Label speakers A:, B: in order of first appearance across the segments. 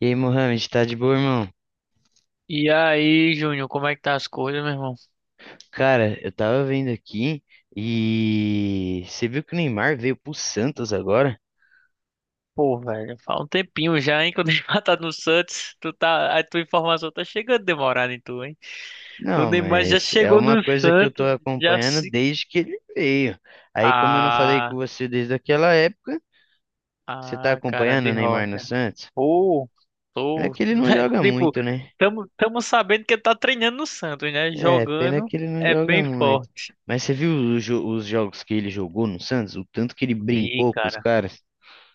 A: E aí, Mohamed, tá de boa, irmão?
B: E aí, Júnior, como é que tá as coisas, meu irmão?
A: Cara, eu tava vendo aqui e você viu que o Neymar veio pro Santos agora?
B: Pô, velho, faz um tempinho já, hein, que eu dei matado no Santos. Tu tá, a tua informação tá chegando demorada em tu, hein? O
A: Não,
B: Neymar já
A: mas é
B: chegou
A: uma
B: no
A: coisa que eu tô
B: Santos, já
A: acompanhando
B: se...
A: desde que ele veio. Aí, como eu não falei com
B: Ah,
A: você desde aquela época, você tá
B: ah, cara
A: acompanhando o
B: de
A: Neymar no
B: rocha.
A: Santos?
B: Pô,
A: Pena
B: tô...
A: que ele não
B: né.
A: joga
B: Tipo,
A: muito, né?
B: tamo sabendo que ele tá treinando no Santos, né?
A: É, pena
B: Jogando
A: que ele não joga
B: bem
A: muito.
B: forte.
A: Mas você viu os, os jogos que ele jogou no Santos? O tanto que ele
B: Vi,
A: brincou com os
B: cara.
A: caras?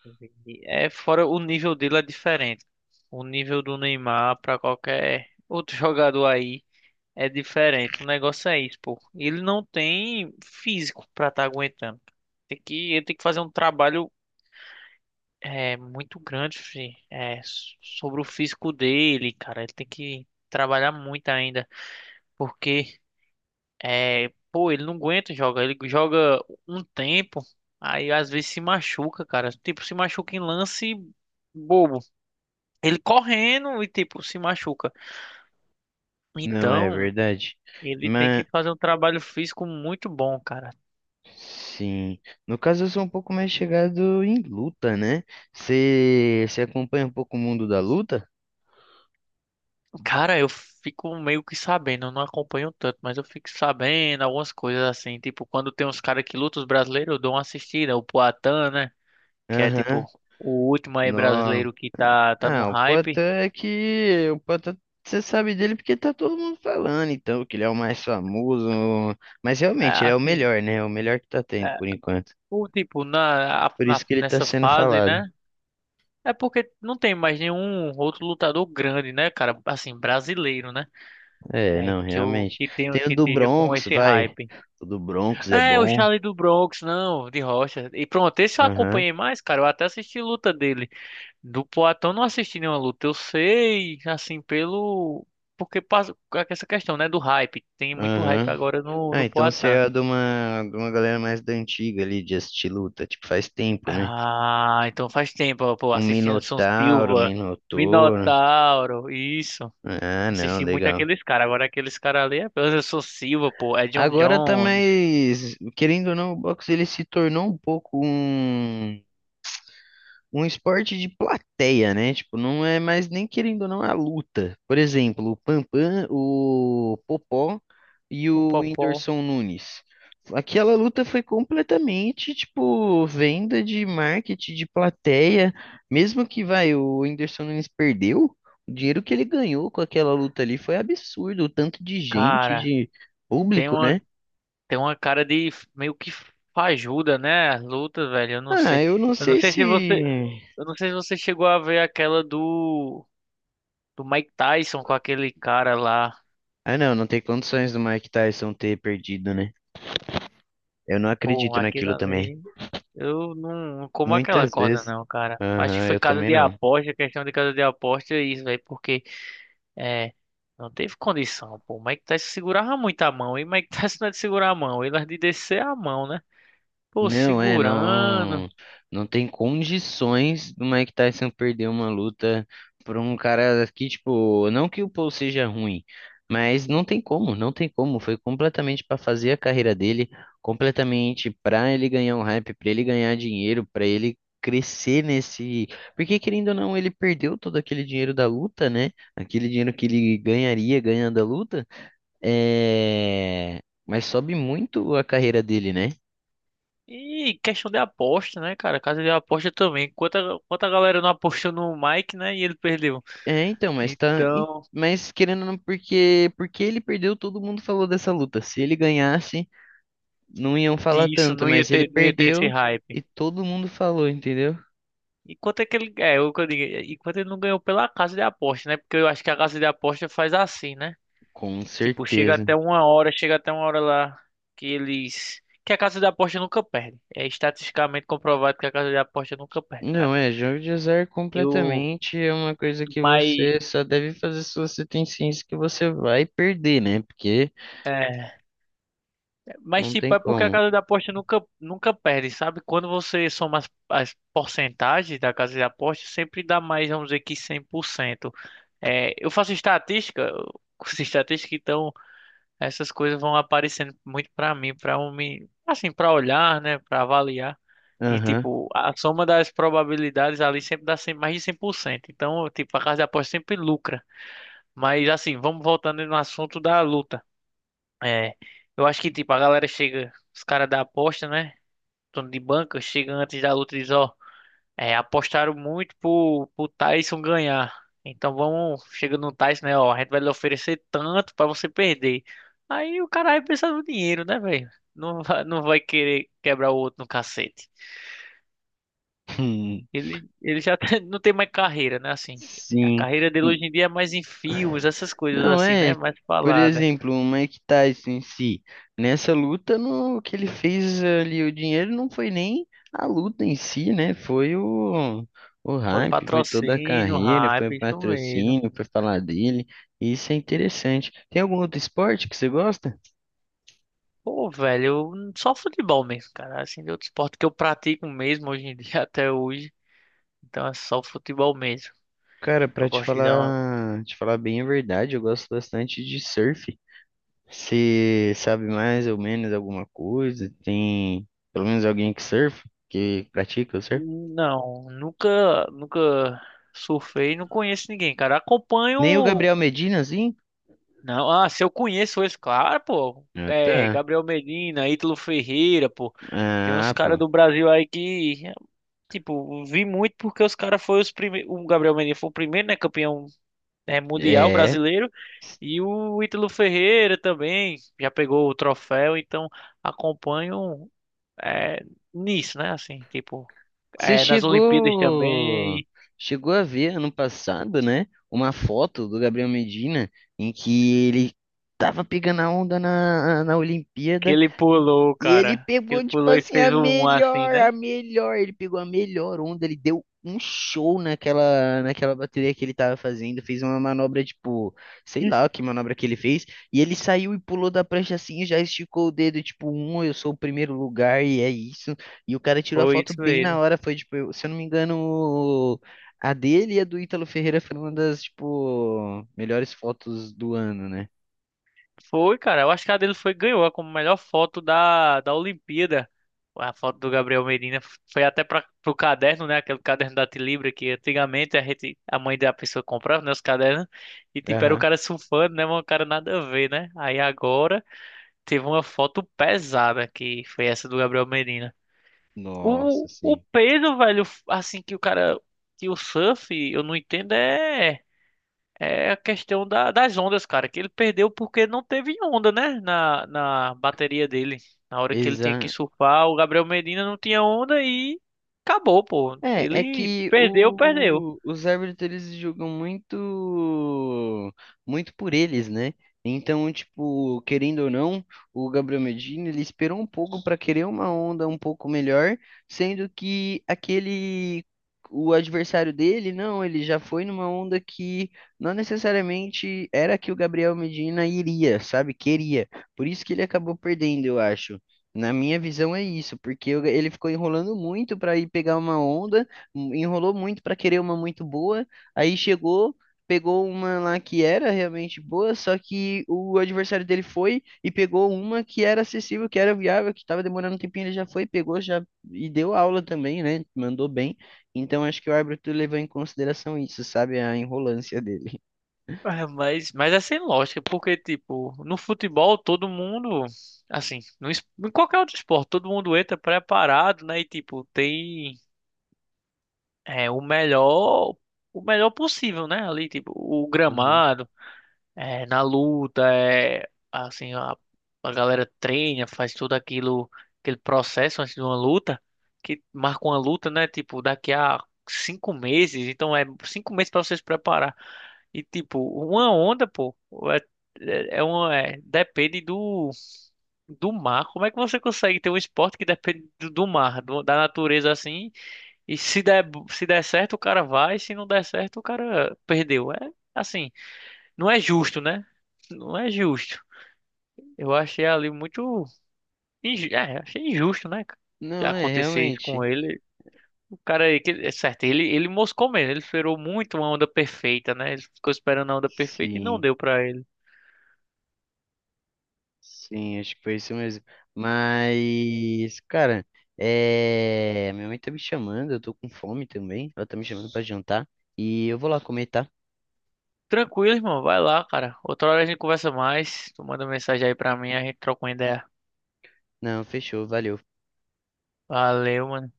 B: Entendi. É, fora o nível dele é diferente. O nível do Neymar para qualquer outro jogador aí é diferente. O negócio é isso, pô. Ele não tem físico para estar aguentando. Tem que, ele tem que fazer um trabalho muito grande, fi, sobre o físico dele, cara. Ele tem que trabalhar muito ainda, porque pô, ele não aguenta jogar. Ele joga um tempo, aí às vezes se machuca, cara. Tipo, se machuca em lance bobo. Ele correndo e, tipo, se machuca.
A: Não é
B: Então,
A: verdade?
B: ele tem que fazer um trabalho físico muito bom, cara.
A: Sim. No caso, eu sou um pouco mais chegado em luta, né? Você acompanha um pouco o mundo da luta?
B: Cara, eu fico meio que sabendo, eu não acompanho tanto, mas eu fico sabendo algumas coisas assim. Tipo, quando tem uns caras que lutam, os brasileiros, eu dou uma assistida. O Poatan, né? Que é,
A: Aham.
B: tipo, o último aí
A: Nó.
B: brasileiro que tá no
A: Ah, o
B: hype.
A: Poatan é que. O Poatan, você sabe dele porque tá todo mundo falando, então, que ele é o mais famoso. Mas
B: É,
A: realmente, ele é o
B: assim,
A: melhor, né? É o melhor que tá tendo
B: é,
A: por enquanto.
B: o tipo,
A: Por isso que ele tá
B: nessa
A: sendo
B: fase,
A: falado.
B: né? É porque não tem mais nenhum outro lutador grande, né, cara? Assim, brasileiro, né?
A: É,
B: É,
A: não,
B: que eu
A: realmente.
B: que tenho
A: Tem o
B: que
A: do
B: esteja com
A: Bronx,
B: esse
A: vai.
B: hype.
A: O do Bronx é
B: É, o
A: bom.
B: Charlie do Bronx, não, de Rocha. E pronto, esse eu
A: Aham,
B: acompanhei mais, cara. Eu até assisti luta dele. Do Poatan eu não assisti nenhuma luta. Eu sei, assim, pelo. Porque passa com essa questão, né? Do hype. Tem muito hype
A: aham.
B: agora
A: Ah,
B: no
A: então você
B: Poatan.
A: é de uma galera mais da antiga ali, de assistir luta, tipo, faz tempo, né?
B: Ah, então faz tempo, ó, pô.
A: Um
B: Assisti Anderson
A: Minotauro, um
B: Silva,
A: Minotouro.
B: Minotauro, isso.
A: Ah, não,
B: Assisti muito
A: legal.
B: aqueles caras. Agora aqueles caras ali é Anderson Silva, pô. É John
A: Agora tá
B: Jones,
A: mais, querendo ou não, o boxe ele se tornou um pouco um um esporte de plateia, né? Tipo, não é mais nem querendo ou não é a luta. Por exemplo, o Pampam, o Popó e
B: o
A: o
B: Popó.
A: Whindersson Nunes. Aquela luta foi completamente, tipo, venda de marketing, de plateia. Mesmo que, vai, o Whindersson Nunes perdeu, o dinheiro que ele ganhou com aquela luta ali foi absurdo. O tanto de gente,
B: Cara.
A: de
B: Tem
A: público,
B: uma,
A: né?
B: tem uma cara de meio que fajuda, né? As lutas, velho. Eu não
A: Ah,
B: sei.
A: eu não
B: Eu não
A: sei
B: sei se você.
A: se...
B: Eu não sei se você chegou a ver aquela do. Do Mike Tyson com aquele cara lá.
A: Ah, não, não tem condições do Mike Tyson ter perdido, né? Eu não
B: Pô,
A: acredito
B: aquilo
A: naquilo também.
B: ali. Eu não, não como aquela
A: Muitas
B: corda,
A: vezes.
B: não, cara. Acho que
A: Aham,
B: foi
A: eu
B: casa
A: também
B: de
A: não.
B: aposta, questão de casa de aposta, é isso, velho. Porque. É. Não teve condição, pô. O Mike Tyson segurava muito a mão. E o Mike Tyson não é de segurar a mão. Ele é de descer a mão, né? Pô,
A: Não, é,
B: segurando.
A: não, não tem condições do Mike Tyson perder uma luta por um cara que, tipo, não que o Paul seja ruim, mas não tem como, não tem como. Foi completamente para fazer a carreira dele, completamente para ele ganhar um hype, para ele ganhar dinheiro, para ele crescer nesse. Porque, querendo ou não, ele perdeu todo aquele dinheiro da luta, né? Aquele dinheiro que ele ganharia ganhando a luta. É, mas sobe muito a carreira dele, né?
B: E questão de aposta, né, cara? Casa de aposta também. Quanta galera não apostou no Mike, né? E ele perdeu.
A: É, então, mas tá. em-
B: Então,
A: Mas querendo ou não, porque ele perdeu, todo mundo falou dessa luta. Se ele ganhasse, não iam falar tanto, mas ele
B: não ia ter esse
A: perdeu
B: hype.
A: e todo mundo falou, entendeu?
B: E quanto é que ele, é, o que eu digo, e quanto ele não ganhou pela casa de aposta, né? Porque eu acho que a casa de aposta faz assim, né?
A: Com
B: Tipo,
A: certeza.
B: chega até uma hora lá que eles, que a casa de aposta nunca perde. É estatisticamente comprovado que a casa de aposta nunca perde,
A: Não,
B: cara.
A: é, jogo de azar
B: E o,
A: completamente é uma coisa que
B: mas
A: você só deve fazer se você tem ciência que você vai perder, né? Porque
B: é, Mas,
A: não
B: tipo,
A: tem
B: é porque a
A: como.
B: casa de aposta nunca perde, sabe? Quando você soma as porcentagens da casa de aposta, sempre dá mais, vamos dizer que cem por cento. É, eu faço estatística, eu curso de estatística, então essas coisas vão aparecendo muito pra mim, pra eu me, assim, pra olhar, né, pra avaliar. E,
A: Aham.
B: tipo, a soma das probabilidades ali sempre dá cem, mais de cem por cento. Então, tipo, a casa de aposta sempre lucra. Mas, assim, vamos voltando no assunto da luta. É, eu acho que, tipo, a galera chega, os caras da aposta, né? Dono de banca, chega antes da luta e diz, ó, apostaram muito pro Tyson ganhar. Então vamos, chega no Tyson, né, ó, a gente vai lhe oferecer tanto pra você perder. Aí o cara vai pensar no dinheiro, né, velho? Não não vai querer quebrar o outro no cacete. Ele já tá- não tem mais carreira, né, assim. A
A: Sim.
B: carreira dele hoje em dia é mais em filmes, essas coisas
A: Não
B: assim, né?
A: é,
B: Mais
A: por
B: falada.
A: exemplo, o Mike Tyson em si, nessa luta, no, o que ele fez ali, o dinheiro não foi nem a luta em si, né? Foi o
B: Foi
A: hype, foi toda a
B: patrocínio,
A: carreira, foi o
B: hype, isso mesmo.
A: patrocínio, foi falar dele. Isso é interessante. Tem algum outro esporte que você gosta?
B: Pô, velho, só futebol mesmo, cara. Assim, de outro esporte que eu pratico mesmo hoje em dia, até hoje. Então é só futebol mesmo.
A: Cara,
B: Que
A: pra
B: eu gosto de dar uma...
A: te falar bem a verdade, eu gosto bastante de surf. Você sabe mais ou menos alguma coisa? Tem pelo menos alguém que surfa, que pratica o surf?
B: Não, nunca surfei, não conheço ninguém, cara.
A: Nem o
B: Acompanho.
A: Gabriel Medina, assim?
B: Não, ah, se eu conheço eles, claro, pô.
A: Ah,
B: É,
A: tá.
B: Gabriel Medina, Ítalo Ferreira, pô. Tem uns
A: Ah,
B: caras
A: pô.
B: do Brasil aí que, tipo, vi muito porque os caras foram os primeiros. O Gabriel Medina foi o primeiro, né? Campeão, mundial
A: É.
B: brasileiro. E o Ítalo Ferreira também já pegou o troféu, então acompanho é, nisso, né? Assim, tipo,
A: Você
B: nas Olimpíadas
A: chegou.
B: também,
A: Chegou a ver ano passado, né? Uma foto do Gabriel Medina em que ele tava pegando a onda na, na
B: que
A: Olimpíada.
B: ele pulou,
A: E ele
B: cara. Que ele
A: pegou, tipo
B: pulou e
A: assim, a
B: fez um assim,
A: melhor,
B: né?
A: a melhor. Ele pegou a melhor onda, ele deu um show naquela, naquela bateria que ele tava fazendo. Fez uma manobra, tipo, sei lá que manobra que ele fez. E ele saiu e pulou da prancha assim, e já esticou o dedo, tipo, um, eu sou o primeiro lugar e é isso. E o cara tirou a
B: Foi
A: foto
B: isso
A: bem na
B: mesmo.
A: hora. Foi, tipo, eu- se eu não me engano, a dele e a do Ítalo Ferreira foi uma das, tipo, melhores fotos do ano, né?
B: Foi, cara. Eu acho que a dele foi ganhou como melhor foto da Olimpíada. A foto do Gabriel Medina foi até para pro caderno, né? Aquele caderno da Tilibra que antigamente a gente, a mãe da pessoa comprava, né, os cadernos e tipo era o
A: Aham.
B: cara surfando, né, mas o cara nada a ver, né? Aí agora teve uma foto pesada que foi essa do Gabriel Medina.
A: Nossa,
B: O
A: sim.
B: peso, velho, assim que o cara que o surf, eu não entendo a questão das ondas, cara, que ele perdeu porque não teve onda, né? Na bateria dele. Na hora que ele tinha que
A: Exa
B: surfar, o Gabriel Medina não tinha onda e acabou, pô.
A: É, é
B: Ele
A: que
B: perdeu, perdeu.
A: o, os árbitros eles julgam muito muito por eles, né? Então, tipo, querendo ou não, o Gabriel Medina ele esperou um pouco para querer uma onda um pouco melhor, sendo que aquele o adversário dele, não, ele já foi numa onda que não necessariamente era a que o Gabriel Medina iria, sabe? Queria. Por isso que ele acabou perdendo, eu acho. Na minha visão é isso, porque eu- ele ficou enrolando muito para ir pegar uma onda, enrolou muito para querer uma muito boa, aí chegou, pegou uma lá que era realmente boa, só que o adversário dele foi e pegou uma que era acessível, que era viável, que estava demorando um tempinho, ele já foi, pegou já e deu aula também, né? Mandou bem. Então acho que o árbitro levou em consideração isso, sabe? A enrolância dele.
B: É, mas é sem lógica, porque, tipo, no futebol todo mundo, assim, no, es- em qualquer outro esporte, todo mundo entra preparado, né? E, tipo, tem é, o melhor, o melhor possível, né? Ali, tipo, o
A: Uhum.
B: gramado. Na luta, assim, a galera treina, faz tudo aquilo, aquele processo antes de uma luta, que marca uma luta, né? Tipo, daqui a 5 meses, então é 5 meses para você se preparar. E tipo, uma onda, pô, é, uma, depende do mar. Como é que você consegue ter um esporte que depende do mar, da natureza assim? E se der, se der certo, o cara vai, se não der certo, o cara perdeu. É assim. Não é justo, né? Não é justo. Eu achei ali muito. É, achei injusto, né? Cara,
A: Não, é
B: acontecer isso com
A: realmente.
B: ele. O cara, aí que- é certo, ele moscou mesmo. Ele esperou muito uma onda perfeita, né? Ele ficou esperando a onda perfeita e não
A: Sim.
B: deu pra ele.
A: Sim, acho que foi isso mesmo. Mas, cara, é... minha mãe tá me chamando, eu tô com fome também. Ela tá me chamando pra jantar. E eu vou lá comer, tá?
B: Tranquilo, irmão. Vai lá, cara. Outra hora a gente conversa mais. Tu manda mensagem aí pra mim, a gente troca uma ideia.
A: Não, fechou, valeu.
B: Valeu, mano.